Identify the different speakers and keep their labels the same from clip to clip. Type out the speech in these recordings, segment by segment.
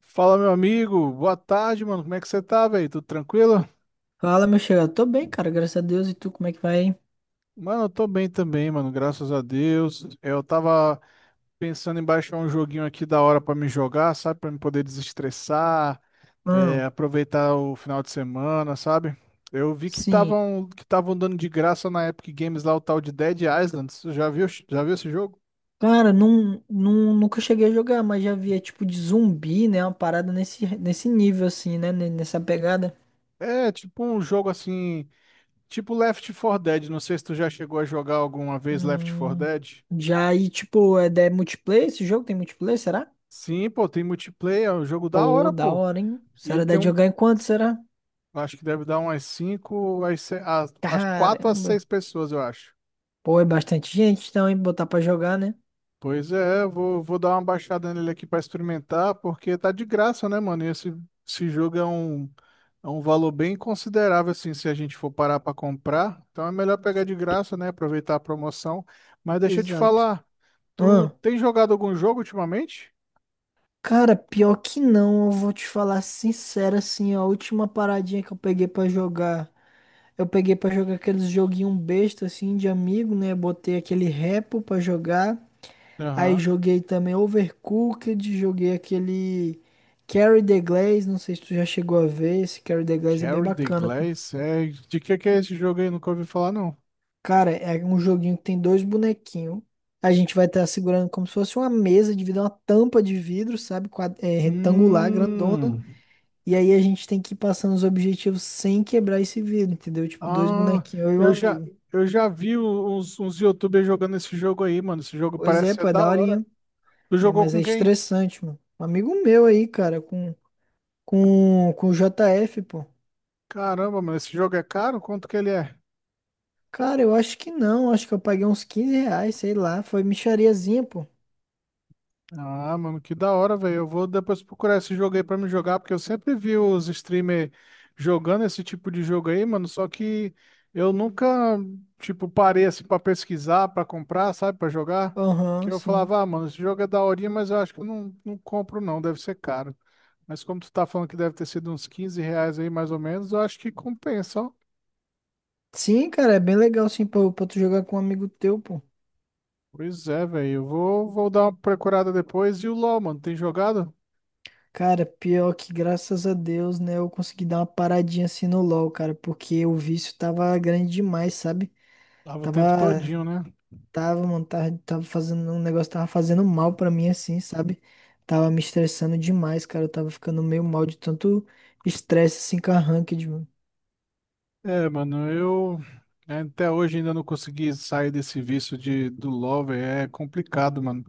Speaker 1: Fala, meu amigo. Boa tarde, mano. Como é que você tá, velho? Tudo tranquilo?
Speaker 2: Fala, meu chegado. Tô bem, cara, graças a Deus. E tu, como é que vai?
Speaker 1: Mano, eu tô bem também, mano. Graças a Deus. É, eu tava pensando em baixar um joguinho aqui da hora pra me jogar, sabe? Pra me poder desestressar,
Speaker 2: Ah,
Speaker 1: é, aproveitar o final de semana, sabe? Eu vi que
Speaker 2: sim.
Speaker 1: estavam dando de graça na Epic Games lá o tal de Dead Island. Você já viu esse jogo?
Speaker 2: Cara, não, nunca cheguei a jogar, mas já vi, é tipo de zumbi, né? Uma parada nesse nível, assim, né? Nessa pegada.
Speaker 1: É, tipo um jogo assim, tipo Left 4 Dead. Não sei se tu já chegou a jogar alguma vez Left 4
Speaker 2: Hum,
Speaker 1: Dead.
Speaker 2: já aí, tipo, é multiplayer? Esse jogo tem multiplayer, será?
Speaker 1: Sim, pô, tem multiplayer, é um jogo da
Speaker 2: Pô,
Speaker 1: hora,
Speaker 2: da
Speaker 1: pô.
Speaker 2: hora, hein?
Speaker 1: E ele
Speaker 2: Será dá
Speaker 1: tem
Speaker 2: de
Speaker 1: um,
Speaker 2: jogar enquanto, será?
Speaker 1: acho que deve dar umas 5, às se- às- às 4 a
Speaker 2: Caramba.
Speaker 1: 6 pessoas, eu acho.
Speaker 2: Pô, é bastante gente, então, hein? Botar pra jogar, né?
Speaker 1: Pois é, eu vou dar uma baixada nele aqui pra experimentar, porque tá de graça, né, mano? E esse jogo é um valor bem considerável, assim, se a gente for parar pra comprar. Então é melhor pegar de graça, né? Aproveitar a promoção. Mas deixa eu te
Speaker 2: Exato.
Speaker 1: falar, tu
Speaker 2: Ahn.
Speaker 1: tem jogado algum jogo ultimamente?
Speaker 2: Cara, pior que não, eu vou te falar sincero assim, ó, a última paradinha que eu peguei pra jogar, eu peguei pra jogar aqueles joguinho besta assim de amigo, né? Botei aquele Repo pra jogar, aí
Speaker 1: Aham.
Speaker 2: joguei também Overcooked, joguei aquele Carry the Glaze, não sei se tu já chegou a ver, esse Carry the Glaze é bem
Speaker 1: Carry the
Speaker 2: bacana.
Speaker 1: Glass, é. De que é esse jogo aí? Nunca ouvi falar, não.
Speaker 2: Cara, é um joguinho que tem dois bonequinhos. A gente vai estar segurando como se fosse uma mesa de vidro, uma tampa de vidro, sabe? Retangular, grandona.
Speaker 1: Hum,
Speaker 2: E aí a gente tem que ir passando os objetivos sem quebrar esse vidro, entendeu? Tipo, dois
Speaker 1: ah,
Speaker 2: bonequinhos, eu e um
Speaker 1: eu já,
Speaker 2: amigo.
Speaker 1: eu já vi uns YouTubers jogando esse jogo aí, mano. Esse jogo
Speaker 2: Pois
Speaker 1: parece
Speaker 2: é,
Speaker 1: ser
Speaker 2: pô, é
Speaker 1: da hora.
Speaker 2: daorinha.
Speaker 1: Tu
Speaker 2: É,
Speaker 1: jogou
Speaker 2: mas
Speaker 1: com
Speaker 2: é
Speaker 1: quem?
Speaker 2: estressante, mano. Um amigo meu aí, cara, com o JF, pô.
Speaker 1: Caramba, mano, esse jogo é caro? Quanto que ele é?
Speaker 2: Cara, eu acho que não. Acho que eu paguei uns R$ 15, sei lá. Foi mixariazinha, pô.
Speaker 1: Ah, mano, que da hora, velho. Eu vou depois procurar esse jogo aí pra me jogar, porque eu sempre vi os streamers jogando esse tipo de jogo aí, mano. Só que eu nunca, tipo, parei assim pra pesquisar, pra comprar, sabe, pra jogar. Porque
Speaker 2: Aham,
Speaker 1: eu
Speaker 2: sim.
Speaker 1: falava, ah, mano, esse jogo é daorinha, mas eu acho que eu não compro, não. Deve ser caro. Mas como tu tá falando que deve ter sido uns R$ 15 aí, mais ou menos, eu acho que compensa, ó.
Speaker 2: Sim, cara, é bem legal, sim, pra tu jogar com um amigo teu, pô.
Speaker 1: Pois é, velho. Eu vou dar uma procurada depois. E o LoL, mano, tem jogado?
Speaker 2: Cara, pior que graças a Deus, né, eu consegui dar uma paradinha assim no LoL, cara, porque o vício tava grande demais, sabe?
Speaker 1: Lava o tempo
Speaker 2: Tava
Speaker 1: todinho, né?
Speaker 2: Tava, mano, tava fazendo um negócio, tava fazendo mal pra mim, assim, sabe? Tava me estressando demais, cara. Eu tava ficando meio mal de tanto estresse, assim, com a ranked, mano.
Speaker 1: É, mano, eu, né, até hoje ainda não consegui sair desse vício do Lover, é complicado, mano.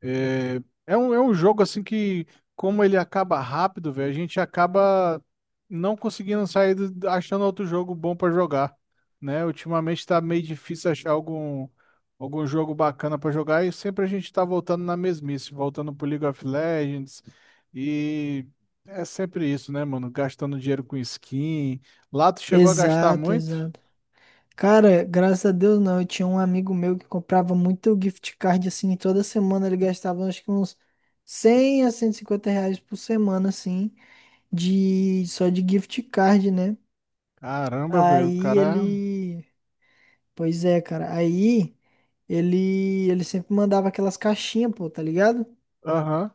Speaker 1: É, é um jogo assim que, como ele acaba rápido, velho, a gente acaba não conseguindo achando outro jogo bom pra jogar, né? Ultimamente tá meio difícil achar algum jogo bacana pra jogar, e sempre a gente tá voltando na mesmice, voltando pro League of Legends, e é sempre isso, né, mano? Gastando dinheiro com skin. Lá tu chegou a gastar
Speaker 2: Exato,
Speaker 1: muito?
Speaker 2: exato. Cara, graças a Deus não. Eu tinha um amigo meu que comprava muito gift card, assim, e toda semana ele gastava acho que uns R$ 100 a R$ 150 por semana, assim, de só de gift card, né?
Speaker 1: Caramba, velho, o
Speaker 2: Aí
Speaker 1: cara.
Speaker 2: ele. Pois é, cara. Aí. Ele sempre mandava aquelas caixinhas, pô, tá ligado?
Speaker 1: Aham.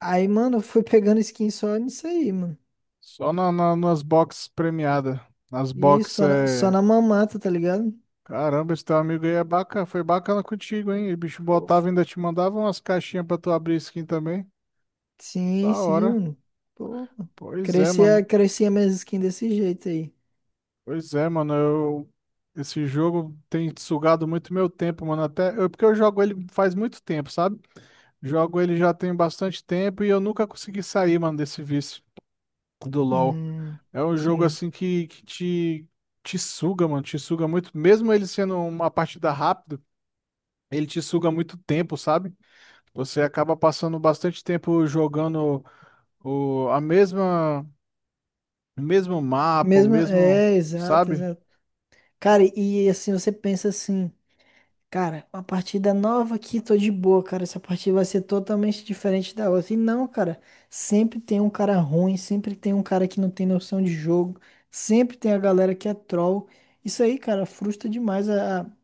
Speaker 2: Aí, mano, eu fui pegando skin só nisso aí, mano.
Speaker 1: Só nas boxes premiadas. Nas
Speaker 2: E
Speaker 1: boxes
Speaker 2: só na, só
Speaker 1: é.
Speaker 2: na mamata, tá ligado?
Speaker 1: Caramba, esse teu amigo aí é bacana. Foi bacana contigo, hein? O bicho
Speaker 2: Pô,
Speaker 1: botava e ainda te mandava umas caixinhas pra tu abrir skin também.
Speaker 2: sim,
Speaker 1: Da
Speaker 2: sim,
Speaker 1: hora.
Speaker 2: mano. Pô,
Speaker 1: Pois é,
Speaker 2: crescia,
Speaker 1: mano.
Speaker 2: crescia minhas skins desse jeito aí.
Speaker 1: Pois é, mano. Eu. Esse jogo tem sugado muito meu tempo, mano. Até eu, porque eu jogo ele faz muito tempo, sabe? Jogo ele já tem bastante tempo e eu nunca consegui sair, mano, desse vício do LoL.
Speaker 2: Hum,
Speaker 1: É um jogo
Speaker 2: sim.
Speaker 1: assim que te suga, mano, te suga muito. Mesmo ele sendo uma partida rápida, ele te suga muito tempo, sabe? Você acaba passando bastante tempo jogando o, a mesma, o mesmo mapa, o
Speaker 2: Mesmo,
Speaker 1: mesmo,
Speaker 2: é, exato,
Speaker 1: sabe?
Speaker 2: exato. Cara, e assim, você pensa assim. Cara, uma partida nova aqui, tô de boa, cara. Essa partida vai ser totalmente diferente da outra. E não, cara, sempre tem um cara ruim, sempre tem um cara que não tem noção de jogo, sempre tem a galera que é troll. Isso aí, cara, frustra demais a, a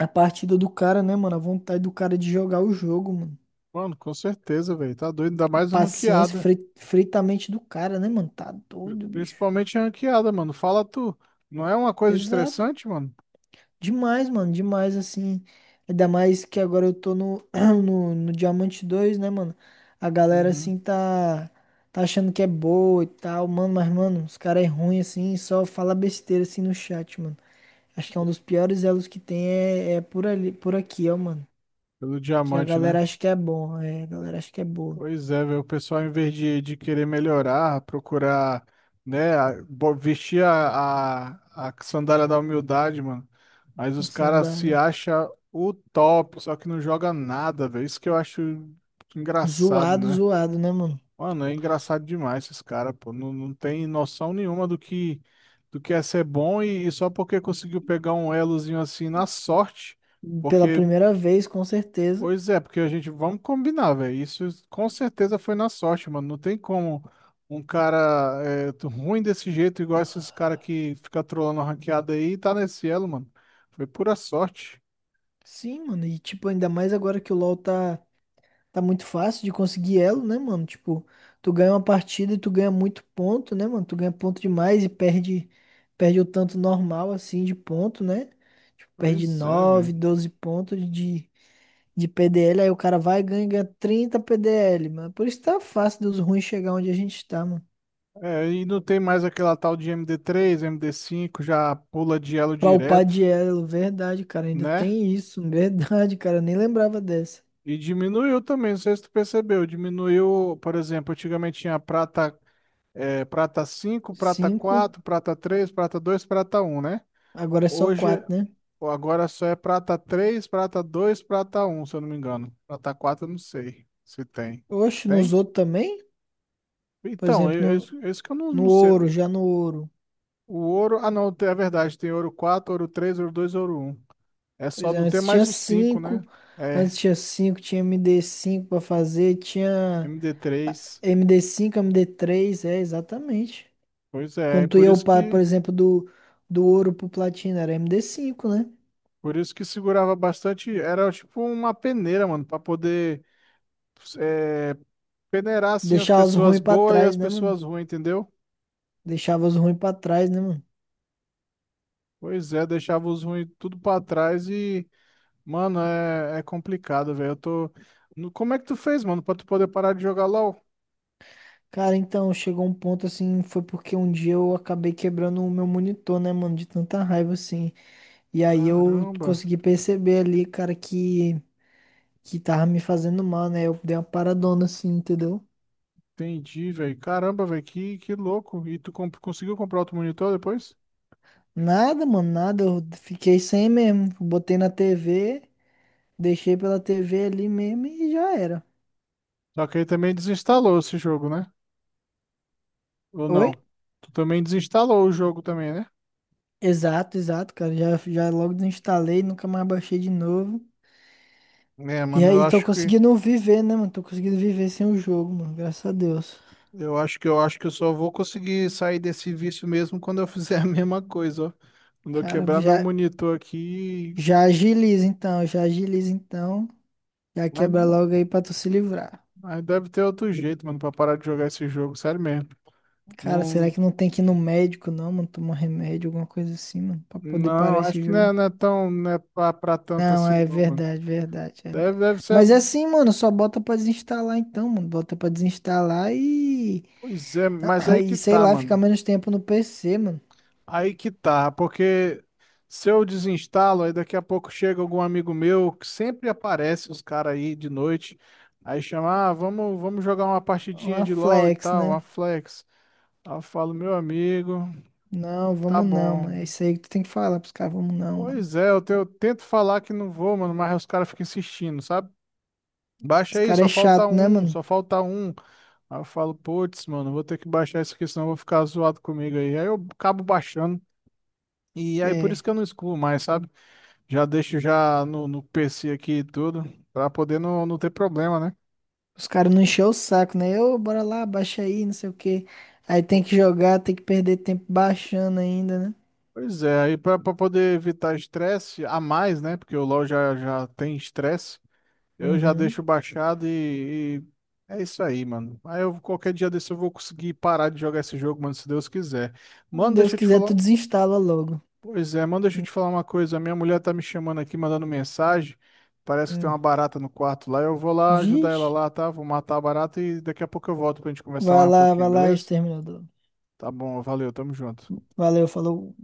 Speaker 2: a partida do cara, né, mano? A vontade do cara de jogar o jogo, mano.
Speaker 1: Mano, com certeza, velho. Tá doido, ainda
Speaker 2: A
Speaker 1: mais
Speaker 2: paciência,
Speaker 1: ranqueada.
Speaker 2: frita a mente do cara, né, mano? Tá doido, bicho.
Speaker 1: Principalmente ranqueada, mano. Fala tu. Não é uma coisa
Speaker 2: Exato.
Speaker 1: estressante, mano?
Speaker 2: Demais, mano, demais, assim. Ainda mais que agora eu tô no, no Diamante dois, né, mano? A galera,
Speaker 1: Uhum.
Speaker 2: assim, tá achando que é boa e tal, mano, mas, mano, os caras é ruim, assim, só fala besteira, assim, no chat, mano. Acho que é um dos piores elos que tem é por ali, por aqui, ó, mano.
Speaker 1: Pelo
Speaker 2: Que a
Speaker 1: diamante, né?
Speaker 2: galera acha que é bom, é, a galera acha que é boa.
Speaker 1: Pois é, velho, o pessoal, em vez de querer melhorar, procurar, né, vestir a sandália da humildade, mano. Mas
Speaker 2: A
Speaker 1: os caras se
Speaker 2: sandália.
Speaker 1: acham o top, só que não joga nada, velho. Isso que eu acho engraçado,
Speaker 2: Zoado,
Speaker 1: né?
Speaker 2: zoado, né, mano?
Speaker 1: Mano, é engraçado demais esses caras, pô. Não, não tem noção nenhuma do que é ser bom, e só porque conseguiu pegar um elozinho assim na sorte.
Speaker 2: Pela
Speaker 1: Porque
Speaker 2: primeira vez, com certeza.
Speaker 1: Pois é, porque a gente, vamos combinar, velho. Isso com certeza foi na sorte, mano. Não tem como um cara ruim desse jeito, igual esses caras que fica trolando a ranqueada aí, tá nesse elo, mano. Foi pura sorte.
Speaker 2: Sim, mano, e, tipo, ainda mais agora que o LoL tá muito fácil de conseguir elo, né, mano? Tipo, tu ganha uma partida e tu ganha muito ponto, né, mano? Tu ganha ponto demais e perde o tanto normal assim de ponto, né? Tipo, Perde
Speaker 1: Pois é,
Speaker 2: nove,
Speaker 1: velho.
Speaker 2: 12 pontos de PDL, aí o cara vai ganhar 30 PDL, mano. Por isso tá fácil deus ruim chegar onde a gente está, mano.
Speaker 1: É, e não tem mais aquela tal de MD3, MD5 já pula de elo
Speaker 2: Palpade
Speaker 1: direto,
Speaker 2: elo, verdade, cara. Ainda
Speaker 1: né?
Speaker 2: tem isso, verdade, cara. Eu Nem lembrava dessa.
Speaker 1: E diminuiu também, não sei se tu percebeu. Diminuiu, por exemplo, antigamente tinha prata, é, prata cinco, prata
Speaker 2: Cinco,
Speaker 1: quatro, prata três, prata dois, prata um, né?
Speaker 2: agora é só
Speaker 1: Hoje,
Speaker 2: quatro, né?
Speaker 1: agora só é prata três, prata dois, prata um, se eu não me engano. Prata 4 eu não sei se tem.
Speaker 2: Hoje nos
Speaker 1: Tem?
Speaker 2: outro também, por
Speaker 1: Então,
Speaker 2: exemplo no
Speaker 1: isso que eu não,
Speaker 2: No
Speaker 1: não sei.
Speaker 2: ouro, já no ouro.
Speaker 1: O ouro. Ah, não, é verdade. Tem ouro quatro, ouro três, ouro dois, ouro um. É só
Speaker 2: Pois é,
Speaker 1: não ter
Speaker 2: antes tinha
Speaker 1: mais o cinco, né?
Speaker 2: cinco.
Speaker 1: É,
Speaker 2: Antes tinha cinco, tinha MD5 pra fazer, tinha
Speaker 1: md
Speaker 2: ah,
Speaker 1: três
Speaker 2: MD5, MD3, é, exatamente.
Speaker 1: Pois é,
Speaker 2: Quando tu
Speaker 1: por
Speaker 2: ia
Speaker 1: isso
Speaker 2: upar, por
Speaker 1: que.
Speaker 2: exemplo, do ouro pro platina, era MD5, né?
Speaker 1: Por isso que segurava bastante. Era tipo uma peneira, mano, pra poder, é, peneirar assim as
Speaker 2: Deixava os
Speaker 1: pessoas
Speaker 2: ruins pra
Speaker 1: boas e
Speaker 2: trás,
Speaker 1: as
Speaker 2: né, mano?
Speaker 1: pessoas ruins, entendeu?
Speaker 2: Deixava os ruins pra trás, né, mano?
Speaker 1: Pois é, deixava os ruins tudo pra trás, e mano, é complicado, velho. Eu tô. Como é que tu fez, mano, pra tu poder parar de jogar LoL?
Speaker 2: Cara, então, chegou um ponto assim, foi porque um dia eu acabei quebrando o meu monitor, né, mano? De tanta raiva, assim. E aí eu
Speaker 1: Caramba,
Speaker 2: consegui perceber ali, cara, que tava me fazendo mal, né? Eu dei uma paradona assim, entendeu?
Speaker 1: entendi, velho. Caramba, velho, que louco. E tu conseguiu comprar outro monitor depois?
Speaker 2: Nada, mano, nada. Eu fiquei sem mesmo. Botei na TV, deixei pela TV ali mesmo e já era.
Speaker 1: Só que aí também desinstalou esse jogo, né? Ou
Speaker 2: Oi?
Speaker 1: não? Tu também desinstalou o jogo também, né?
Speaker 2: Exato, exato, cara. Já, já logo desinstalei, nunca mais baixei de novo.
Speaker 1: É,
Speaker 2: E
Speaker 1: mano, eu
Speaker 2: aí, tô
Speaker 1: acho que
Speaker 2: conseguindo viver, né, mano? Tô conseguindo viver sem o jogo, mano. Graças a Deus.
Speaker 1: eu acho que eu acho que eu só vou conseguir sair desse vício mesmo quando eu fizer a mesma coisa, ó. Quando eu
Speaker 2: Cara,
Speaker 1: quebrar meu monitor aqui.
Speaker 2: já agiliza então, já agiliza então. Já
Speaker 1: Mas,
Speaker 2: quebra logo aí pra tu se livrar.
Speaker 1: mas deve ter outro jeito, mano, pra parar de jogar esse jogo. Sério mesmo.
Speaker 2: Cara, será
Speaker 1: Não,
Speaker 2: que não tem que ir no médico, não, mano? Tomar remédio, alguma coisa assim, mano, pra poder
Speaker 1: não,
Speaker 2: parar
Speaker 1: acho
Speaker 2: esse
Speaker 1: que
Speaker 2: jogo.
Speaker 1: não é tão, não é pra tanto
Speaker 2: Não,
Speaker 1: assim,
Speaker 2: é
Speaker 1: não, mano.
Speaker 2: verdade, verdade,
Speaker 1: Deve,
Speaker 2: verdade.
Speaker 1: deve ser,
Speaker 2: Mas é assim, mano, só bota pra desinstalar então, mano. Bota pra desinstalar e.
Speaker 1: pois é, mas aí
Speaker 2: E
Speaker 1: que
Speaker 2: sei
Speaker 1: tá,
Speaker 2: lá, ficar
Speaker 1: mano.
Speaker 2: menos tempo no PC, mano.
Speaker 1: Aí que tá, porque se eu desinstalo, aí daqui a pouco chega algum amigo meu que sempre aparece os caras aí de noite, aí chama, ah, vamos jogar uma partidinha
Speaker 2: Uma
Speaker 1: de LoL e
Speaker 2: flex,
Speaker 1: tal,
Speaker 2: né?
Speaker 1: uma flex. Aí eu falo, meu amigo,
Speaker 2: Não,
Speaker 1: tá
Speaker 2: vamos não, mano. É
Speaker 1: bom.
Speaker 2: isso aí que tu tem que falar pros caras, vamos não, mano.
Speaker 1: Pois é, eu tento falar que não vou, mano, mas os caras ficam insistindo, sabe?
Speaker 2: Os
Speaker 1: Baixa aí,
Speaker 2: caras
Speaker 1: só
Speaker 2: é
Speaker 1: falta
Speaker 2: chato, né,
Speaker 1: um,
Speaker 2: mano?
Speaker 1: só falta um. Aí eu falo, putz, mano, vou ter que baixar isso aqui, senão eu vou ficar zoado comigo aí. Aí eu acabo baixando. E aí por isso
Speaker 2: É.
Speaker 1: que eu não excluo mais, sabe? Já deixo já no PC aqui e tudo, pra poder não ter problema, né?
Speaker 2: Os caras não encheu o saco, né? Ô, bora lá, baixa aí, não sei o quê. Aí tem que jogar, tem que perder tempo baixando ainda, né?
Speaker 1: Pois é, aí pra poder evitar estresse a mais, né? Porque o LoL já tem estresse, eu já
Speaker 2: Uhum.
Speaker 1: deixo baixado e é isso aí, mano. Aí eu, qualquer dia desse eu vou conseguir parar de jogar esse jogo, mano, se Deus quiser. Mano,
Speaker 2: Deus
Speaker 1: deixa eu te
Speaker 2: quiser,
Speaker 1: falar.
Speaker 2: tu desinstala logo.
Speaker 1: Pois é, mano, deixa eu
Speaker 2: Hum.
Speaker 1: te falar uma coisa. A minha mulher tá me chamando aqui, mandando mensagem. Parece que tem
Speaker 2: Hum.
Speaker 1: uma barata no quarto lá. Eu vou lá ajudar ela
Speaker 2: Vixe.
Speaker 1: lá, tá? Vou matar a barata e daqui a pouco eu volto pra gente conversar mais um pouquinho,
Speaker 2: Vai lá,
Speaker 1: beleza?
Speaker 2: exterminador.
Speaker 1: Tá bom, valeu, tamo junto.
Speaker 2: Valeu, falou.